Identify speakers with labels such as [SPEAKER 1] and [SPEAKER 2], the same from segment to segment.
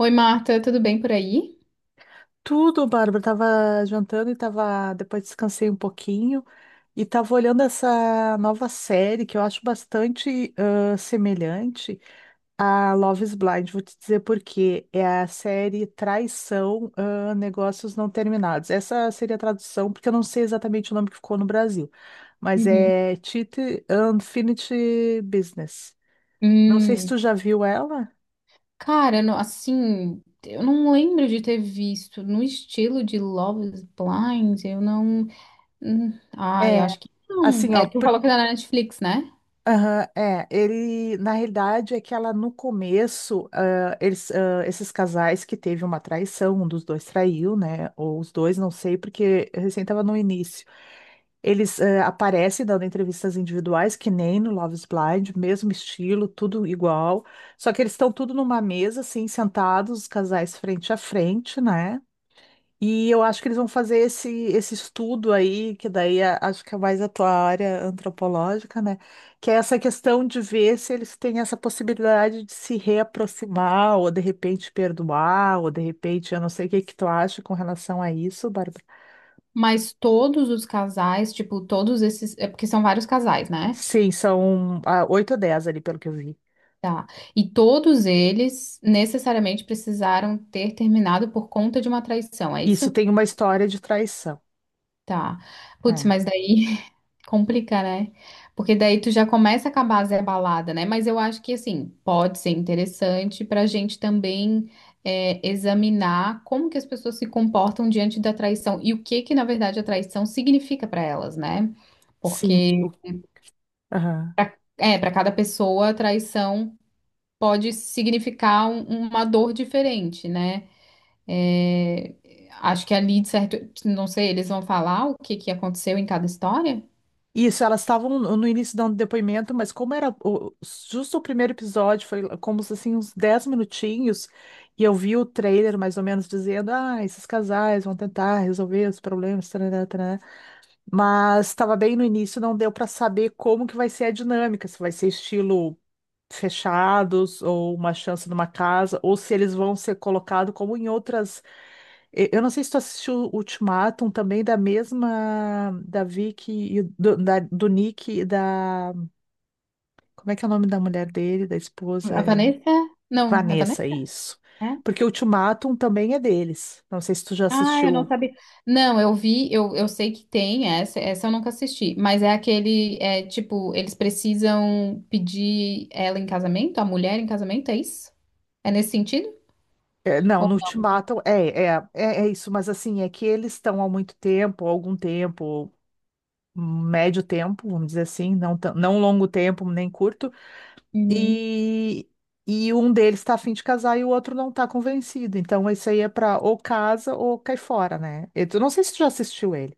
[SPEAKER 1] Oi, Marta, tudo bem por aí?
[SPEAKER 2] Tudo, Bárbara. Tava jantando e tava. Depois descansei um pouquinho e tava olhando essa nova série que eu acho bastante semelhante a Love is Blind. Vou te dizer por quê. É a série Traição, Negócios Não Terminados. Essa seria a tradução, porque eu não sei exatamente o nome que ficou no Brasil, mas
[SPEAKER 1] Uhum.
[SPEAKER 2] é Cheat Unfinished Business. Não sei se
[SPEAKER 1] Hum,
[SPEAKER 2] tu já viu ela.
[SPEAKER 1] cara, eu não lembro de ter visto no estilo de Love is Blind, eu não. Hum, ai,
[SPEAKER 2] É,
[SPEAKER 1] acho que não.
[SPEAKER 2] assim, ó.
[SPEAKER 1] É, tu falou que era na Netflix, né?
[SPEAKER 2] Aham, é, ele, na realidade, é que ela no começo, eles, esses casais que teve uma traição, um dos dois traiu, né, ou os dois, não sei, porque recém estava no início, eles aparecem dando entrevistas individuais, que nem no Love is Blind, mesmo estilo, tudo igual, só que eles estão tudo numa mesa, assim, sentados, os casais frente a frente, né, e eu acho que eles vão fazer esse estudo aí, que daí acho que é mais a tua área antropológica, né? Que é essa questão de ver se eles têm essa possibilidade de se reaproximar, ou de repente perdoar, ou de repente, eu não sei o que que tu acha com relação a isso, Bárbara.
[SPEAKER 1] Mas todos os casais, tipo, todos esses. É porque são vários casais, né?
[SPEAKER 2] Sim, são 8 ou 10 ali, pelo que eu vi.
[SPEAKER 1] Tá. E todos eles necessariamente precisaram ter terminado por conta de uma traição, é
[SPEAKER 2] Isso
[SPEAKER 1] isso?
[SPEAKER 2] tem uma história de traição.
[SPEAKER 1] Tá. Putz,
[SPEAKER 2] É.
[SPEAKER 1] mas daí complica, né? Porque daí tu já começa com a base a abalada, né? Mas eu acho que, assim, pode ser interessante para a gente também examinar como que as pessoas se comportam diante da traição e o que que, na verdade, a traição significa para elas, né?
[SPEAKER 2] Sim.
[SPEAKER 1] Porque,
[SPEAKER 2] Aham.
[SPEAKER 1] para cada pessoa, a traição pode significar uma dor diferente, né? É, acho que ali, de certo, não sei, eles vão falar o que que aconteceu em cada história?
[SPEAKER 2] Isso, elas estavam no início dando depoimento, mas como era justo o primeiro episódio, foi como se, assim uns 10 minutinhos, e eu vi o trailer mais ou menos dizendo, esses casais vão tentar resolver os problemas, tarará, tarará. Mas estava bem no início, não deu para saber como que vai ser a dinâmica, se vai ser estilo fechados ou uma chance numa casa, ou se eles vão ser colocados como em outras. Eu não sei se tu assistiu Ultimatum também da mesma da Vicky e do Nick e da, como é que é o nome da mulher dele, da esposa?
[SPEAKER 1] A
[SPEAKER 2] É
[SPEAKER 1] Vanessa? Não, é
[SPEAKER 2] Vanessa,
[SPEAKER 1] Vanessa?
[SPEAKER 2] isso.
[SPEAKER 1] É?
[SPEAKER 2] Porque o Ultimatum também é deles. Não sei se tu já
[SPEAKER 1] Ah, eu não
[SPEAKER 2] assistiu.
[SPEAKER 1] sabia. Não, eu vi, eu sei que tem essa eu nunca assisti, mas é aquele, é tipo, eles precisam pedir ela em casamento, a mulher em casamento, é isso? É nesse sentido?
[SPEAKER 2] É, não,
[SPEAKER 1] Ou-
[SPEAKER 2] no Ultimatum é isso, mas assim, é que eles estão há muito tempo, há algum tempo, médio tempo, vamos dizer assim, não, não longo tempo, nem curto,
[SPEAKER 1] Uhum.
[SPEAKER 2] e, e um deles está a fim de casar e o outro não está convencido. Então, isso aí é para ou casa ou cai fora, né? Não sei se tu já assistiu ele.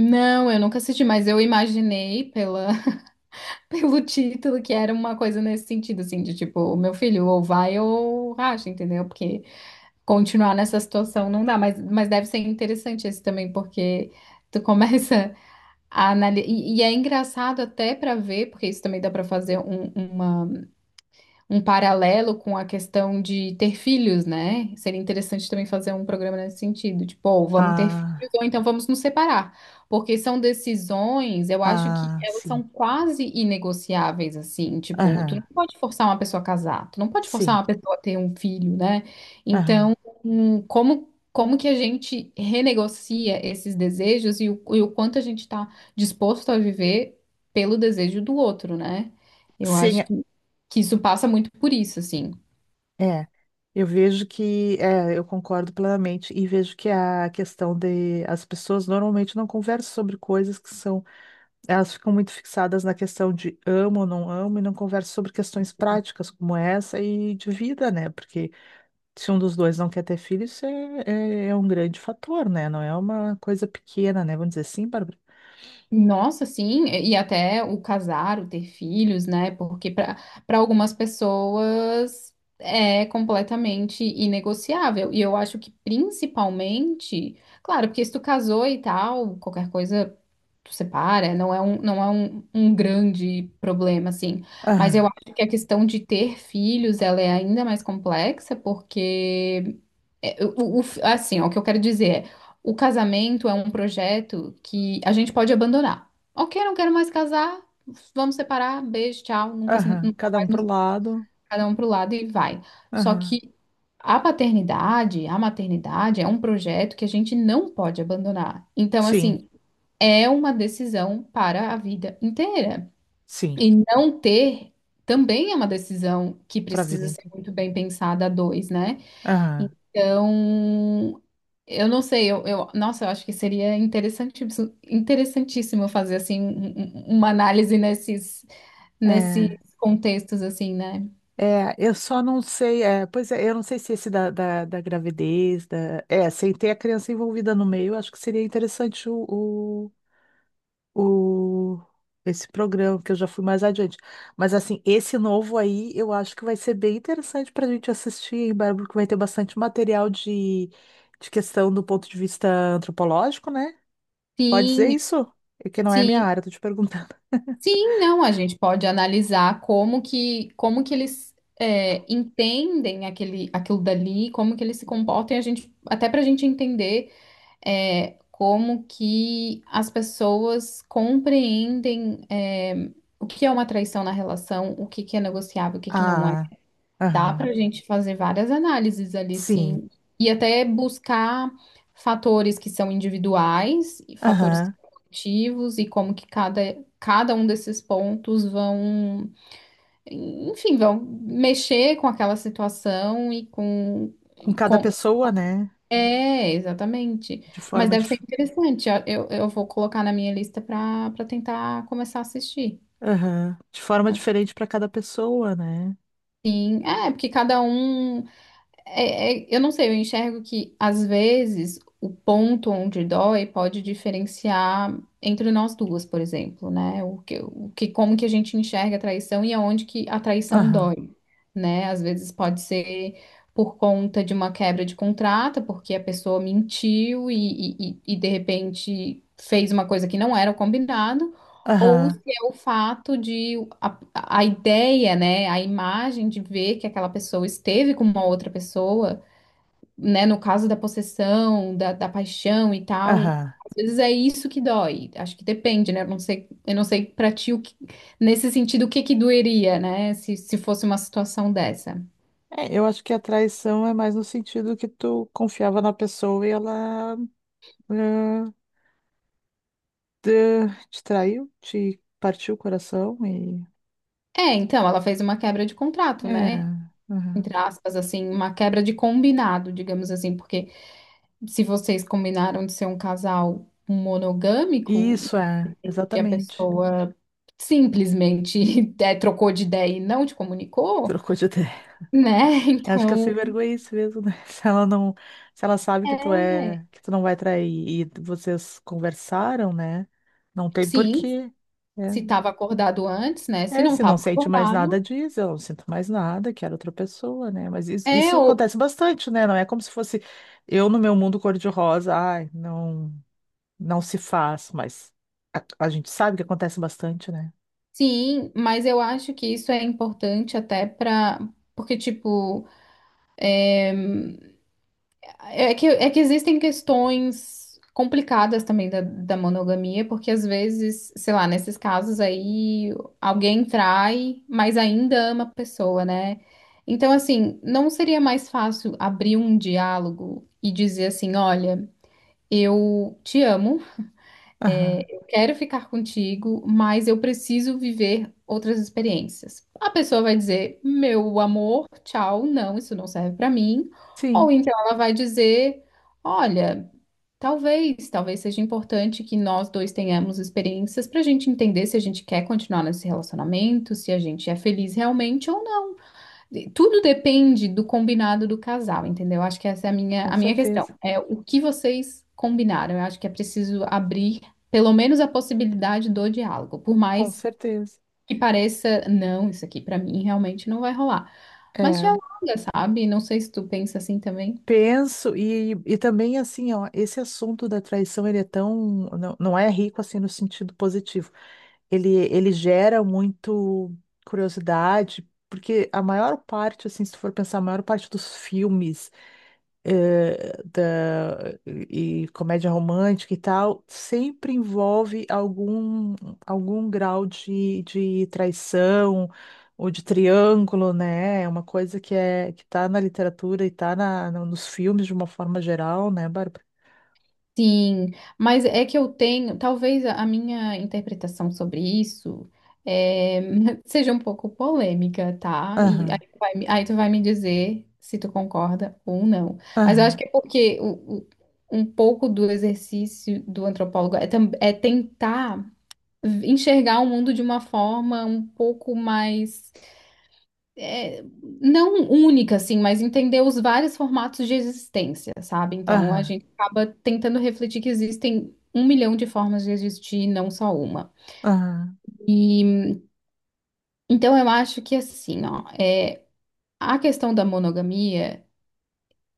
[SPEAKER 1] Não, eu nunca assisti, mas pelo título que era uma coisa nesse sentido, assim, de tipo, meu filho, ou vai ou racha, entendeu? Porque continuar nessa situação não dá, mas deve ser interessante esse também, porque tu começa. E é engraçado até para ver, porque isso também dá para fazer um- uma um paralelo com a questão de ter filhos, né? Seria interessante também fazer um programa nesse sentido, tipo, ou vamos ter filhos
[SPEAKER 2] Ah,
[SPEAKER 1] ou então vamos nos separar, porque são decisões, eu acho que
[SPEAKER 2] ah,
[SPEAKER 1] elas
[SPEAKER 2] sim.
[SPEAKER 1] são quase inegociáveis, assim, tipo, tu
[SPEAKER 2] Aham,
[SPEAKER 1] não pode forçar uma pessoa a casar, tu não pode forçar
[SPEAKER 2] sim.
[SPEAKER 1] uma pessoa a ter um filho, né?
[SPEAKER 2] Aham.
[SPEAKER 1] Então, como como que a gente renegocia esses desejos e o quanto a gente está disposto a viver pelo desejo do outro, né? Eu
[SPEAKER 2] Sim,
[SPEAKER 1] acho que isso passa muito por isso, assim.
[SPEAKER 2] é, eu vejo que, é, eu concordo plenamente e vejo que a questão de as pessoas normalmente não conversam sobre coisas que são, elas ficam muito fixadas na questão de amo ou não amo e não conversam sobre questões práticas como essa e de vida, né? Porque se um dos dois não quer ter filho, isso é um grande fator, né? Não é uma coisa pequena, né? Vamos dizer assim, Bárbara?
[SPEAKER 1] Nossa, sim, e até o casar, o ter filhos, né? Porque para algumas pessoas é completamente inegociável. E eu acho que principalmente, claro, porque se tu casou e tal, qualquer coisa tu separa, não é um, não é um, um grande problema, assim. Mas eu
[SPEAKER 2] Aham,
[SPEAKER 1] acho que a questão de ter filhos, ela é ainda mais complexa, porque é, assim, ó, o que eu quero dizer é, o casamento é um projeto que a gente pode abandonar. Ok, não quero mais casar, vamos separar, beijo, tchau,
[SPEAKER 2] aham,
[SPEAKER 1] nunca
[SPEAKER 2] cada um
[SPEAKER 1] mais nos
[SPEAKER 2] pro lado,
[SPEAKER 1] cada um pro lado e vai. Só
[SPEAKER 2] aham,
[SPEAKER 1] que a paternidade, a maternidade é um projeto que a gente não pode abandonar. Então,
[SPEAKER 2] sim,
[SPEAKER 1] assim, é uma decisão para a vida inteira.
[SPEAKER 2] sim,
[SPEAKER 1] E não ter também é uma decisão que
[SPEAKER 2] pra vida
[SPEAKER 1] precisa ser
[SPEAKER 2] inteira.
[SPEAKER 1] muito bem pensada a dois, né?
[SPEAKER 2] Aham,
[SPEAKER 1] Então, eu não sei, nossa, eu acho que seria interessantíssimo, interessantíssimo fazer assim uma análise nesses
[SPEAKER 2] é.
[SPEAKER 1] contextos assim, né?
[SPEAKER 2] É, eu só não sei, é, pois é, eu não sei se esse da gravidez, da, é, sem ter a criança envolvida no meio, eu acho que seria interessante o, o- esse programa, que eu já fui mais adiante. Mas assim, esse novo aí, eu acho que vai ser bem interessante para a gente assistir, hein, Bárbara, porque vai ter bastante material de questão do ponto de vista antropológico, né? Pode dizer
[SPEAKER 1] Sim,
[SPEAKER 2] isso? É que não é minha
[SPEAKER 1] sim,
[SPEAKER 2] área, tô te perguntando.
[SPEAKER 1] sim, não, a gente pode analisar como que eles entendem aquele aquilo dali, como que eles se comportam, e a gente até para a gente entender como que as pessoas compreendem o que é uma traição na relação, o que que é negociável, o que que não é.
[SPEAKER 2] Ah,
[SPEAKER 1] Dá para
[SPEAKER 2] aham,
[SPEAKER 1] a gente fazer várias análises ali,
[SPEAKER 2] sim,
[SPEAKER 1] sim, e até buscar fatores que são individuais, e fatores que
[SPEAKER 2] aham,
[SPEAKER 1] são coletivos e como que cada um desses pontos vão, enfim, vão mexer com aquela situação
[SPEAKER 2] com
[SPEAKER 1] e
[SPEAKER 2] cada
[SPEAKER 1] com
[SPEAKER 2] pessoa, né?
[SPEAKER 1] é, exatamente.
[SPEAKER 2] de
[SPEAKER 1] Mas
[SPEAKER 2] forma
[SPEAKER 1] deve ser
[SPEAKER 2] dif...
[SPEAKER 1] interessante. Ó, eu vou colocar na minha lista para tentar começar a assistir.
[SPEAKER 2] aham, de forma diferente para cada pessoa, né?
[SPEAKER 1] Assim, é, porque cada um eu não sei, eu enxergo que às vezes o ponto onde dói pode diferenciar entre nós duas, por exemplo, né? Como que a gente enxerga a traição e aonde que a traição
[SPEAKER 2] Aham,
[SPEAKER 1] dói, né? Às vezes pode ser por conta de uma quebra de contrato, porque a pessoa mentiu de repente fez uma coisa que não era o combinado, ou se
[SPEAKER 2] aham,
[SPEAKER 1] é o fato de a ideia, né, a imagem de ver que aquela pessoa esteve com uma outra pessoa, né, no caso da possessão, da paixão e tal,
[SPEAKER 2] aham.
[SPEAKER 1] às vezes é isso que dói. Acho que depende, né? Eu não sei pra ti o nesse sentido o que que doeria, né, se fosse uma situação dessa.
[SPEAKER 2] É, eu acho que a traição é mais no sentido que tu confiava na pessoa e ela ah, te, te traiu, te partiu o coração e
[SPEAKER 1] É, então, ela fez uma quebra de contrato,
[SPEAKER 2] é,
[SPEAKER 1] né?
[SPEAKER 2] aham.
[SPEAKER 1] Entre aspas, assim, uma quebra de combinado, digamos assim, porque se vocês combinaram de ser um casal monogâmico
[SPEAKER 2] Isso é,
[SPEAKER 1] e a
[SPEAKER 2] exatamente.
[SPEAKER 1] pessoa simplesmente trocou de ideia e não te comunicou,
[SPEAKER 2] Trocou de ideia.
[SPEAKER 1] né?
[SPEAKER 2] Eu acho que a sem
[SPEAKER 1] Então,
[SPEAKER 2] vergonha é isso mesmo, né? Se ela sabe que tu
[SPEAKER 1] é,
[SPEAKER 2] é, que tu não vai trair e vocês conversaram, né? Não tem
[SPEAKER 1] sim,
[SPEAKER 2] porquê,
[SPEAKER 1] se
[SPEAKER 2] né?
[SPEAKER 1] estava acordado antes, né? Se
[SPEAKER 2] É,
[SPEAKER 1] não
[SPEAKER 2] se
[SPEAKER 1] estava
[SPEAKER 2] não sente mais nada,
[SPEAKER 1] acordado,
[SPEAKER 2] diz, eu não sinto mais nada, quero outra pessoa, né? Mas isso,
[SPEAKER 1] é
[SPEAKER 2] isso
[SPEAKER 1] ou
[SPEAKER 2] acontece bastante, né? Não é como se fosse eu no meu mundo cor-de-rosa, ai, não, não se faz, mas a gente sabe que acontece bastante, né?
[SPEAKER 1] sim, mas eu acho que isso é importante até para porque tipo é que existem questões complicadas também da monogamia, porque às vezes, sei lá, nesses casos aí, alguém trai, mas ainda ama a pessoa, né? Então, assim, não seria mais fácil abrir um diálogo e dizer assim: olha, eu te amo,
[SPEAKER 2] Aham.
[SPEAKER 1] quero ficar contigo, mas eu preciso viver outras experiências. A pessoa vai dizer: meu amor, tchau, não, isso não serve pra mim. Ou
[SPEAKER 2] Sim,
[SPEAKER 1] então ela vai dizer: olha. Talvez seja importante que nós dois tenhamos experiências para a gente entender se a gente quer continuar nesse relacionamento, se a gente é feliz realmente ou não. E tudo depende do combinado do casal, entendeu? Acho que essa é
[SPEAKER 2] com
[SPEAKER 1] a minha questão.
[SPEAKER 2] certeza,
[SPEAKER 1] É o que vocês combinaram. Eu acho que é preciso abrir pelo menos a possibilidade do diálogo, por
[SPEAKER 2] com
[SPEAKER 1] mais
[SPEAKER 2] certeza.
[SPEAKER 1] que pareça, não, isso aqui para mim realmente não vai rolar. Mas
[SPEAKER 2] É,
[SPEAKER 1] dialoga, sabe? Não sei se tu pensa assim também.
[SPEAKER 2] penso, e também assim, ó, esse assunto da traição, ele é tão, não, não é rico assim no sentido positivo. Ele gera muito curiosidade, porque a maior parte, assim, se tu for pensar, a maior parte dos filmes eh, da, e comédia romântica e tal, sempre envolve algum grau de traição ou de triângulo, né? É uma coisa que é que tá na literatura e tá na, no- nos filmes de uma forma geral, né, Bárbara?
[SPEAKER 1] Sim, mas é que eu tenho, talvez a minha interpretação sobre isso é, seja um pouco polêmica, tá? E aí
[SPEAKER 2] Aham,
[SPEAKER 1] aí tu vai me dizer se tu concorda ou não. Mas eu acho
[SPEAKER 2] aham,
[SPEAKER 1] que é porque um pouco do exercício do antropólogo é tentar enxergar o mundo de uma forma um pouco mais é, não única, assim, mas entender os vários formatos de existência, sabe? Então a
[SPEAKER 2] aham,
[SPEAKER 1] gente acaba tentando refletir que existem um milhão de formas de existir, não só uma.
[SPEAKER 2] aham.
[SPEAKER 1] E então eu acho que assim, ó, é, a questão da monogamia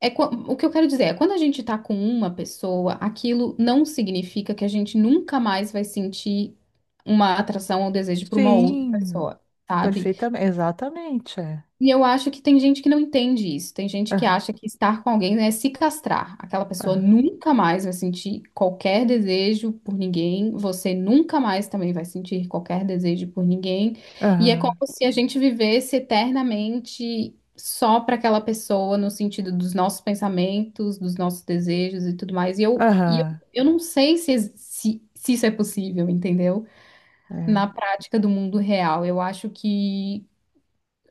[SPEAKER 1] o que eu quero dizer é quando a gente tá com uma pessoa, aquilo não significa que a gente nunca mais vai sentir uma atração ou desejo por uma outra
[SPEAKER 2] Sim,
[SPEAKER 1] pessoa, sabe?
[SPEAKER 2] perfeitamente, exatamente, é.
[SPEAKER 1] E eu acho que tem gente que não entende isso. Tem gente que acha que estar com alguém né, é se castrar. Aquela pessoa
[SPEAKER 2] Aham,
[SPEAKER 1] nunca mais vai sentir qualquer desejo por ninguém. Você nunca mais também vai sentir qualquer desejo por ninguém. E é como
[SPEAKER 2] aham,
[SPEAKER 1] se a gente vivesse eternamente só para aquela pessoa, no sentido dos nossos pensamentos, dos nossos desejos e tudo mais.
[SPEAKER 2] aham, aham,
[SPEAKER 1] Eu não sei se isso é possível, entendeu?
[SPEAKER 2] é.
[SPEAKER 1] Na prática do mundo real. Eu acho que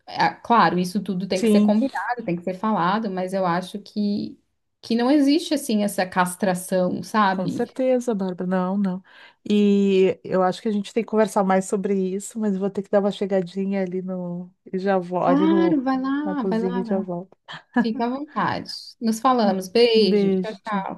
[SPEAKER 1] claro, isso tudo tem que ser
[SPEAKER 2] Sim,
[SPEAKER 1] combinado, tem que ser falado, mas eu acho que não existe assim essa castração,
[SPEAKER 2] com
[SPEAKER 1] sabe?
[SPEAKER 2] certeza, Bárbara. Não, não. E eu acho que a gente tem que conversar mais sobre isso, mas eu vou ter que dar uma chegadinha ali no, e já vou, ali no,
[SPEAKER 1] Claro, vai
[SPEAKER 2] na
[SPEAKER 1] lá, vai
[SPEAKER 2] cozinha
[SPEAKER 1] lá,
[SPEAKER 2] e
[SPEAKER 1] vai
[SPEAKER 2] já
[SPEAKER 1] lá.
[SPEAKER 2] volto.
[SPEAKER 1] Fica à vontade. Nos
[SPEAKER 2] Um
[SPEAKER 1] falamos.
[SPEAKER 2] um
[SPEAKER 1] Beijo.
[SPEAKER 2] beijo,
[SPEAKER 1] Tchau,
[SPEAKER 2] tchau.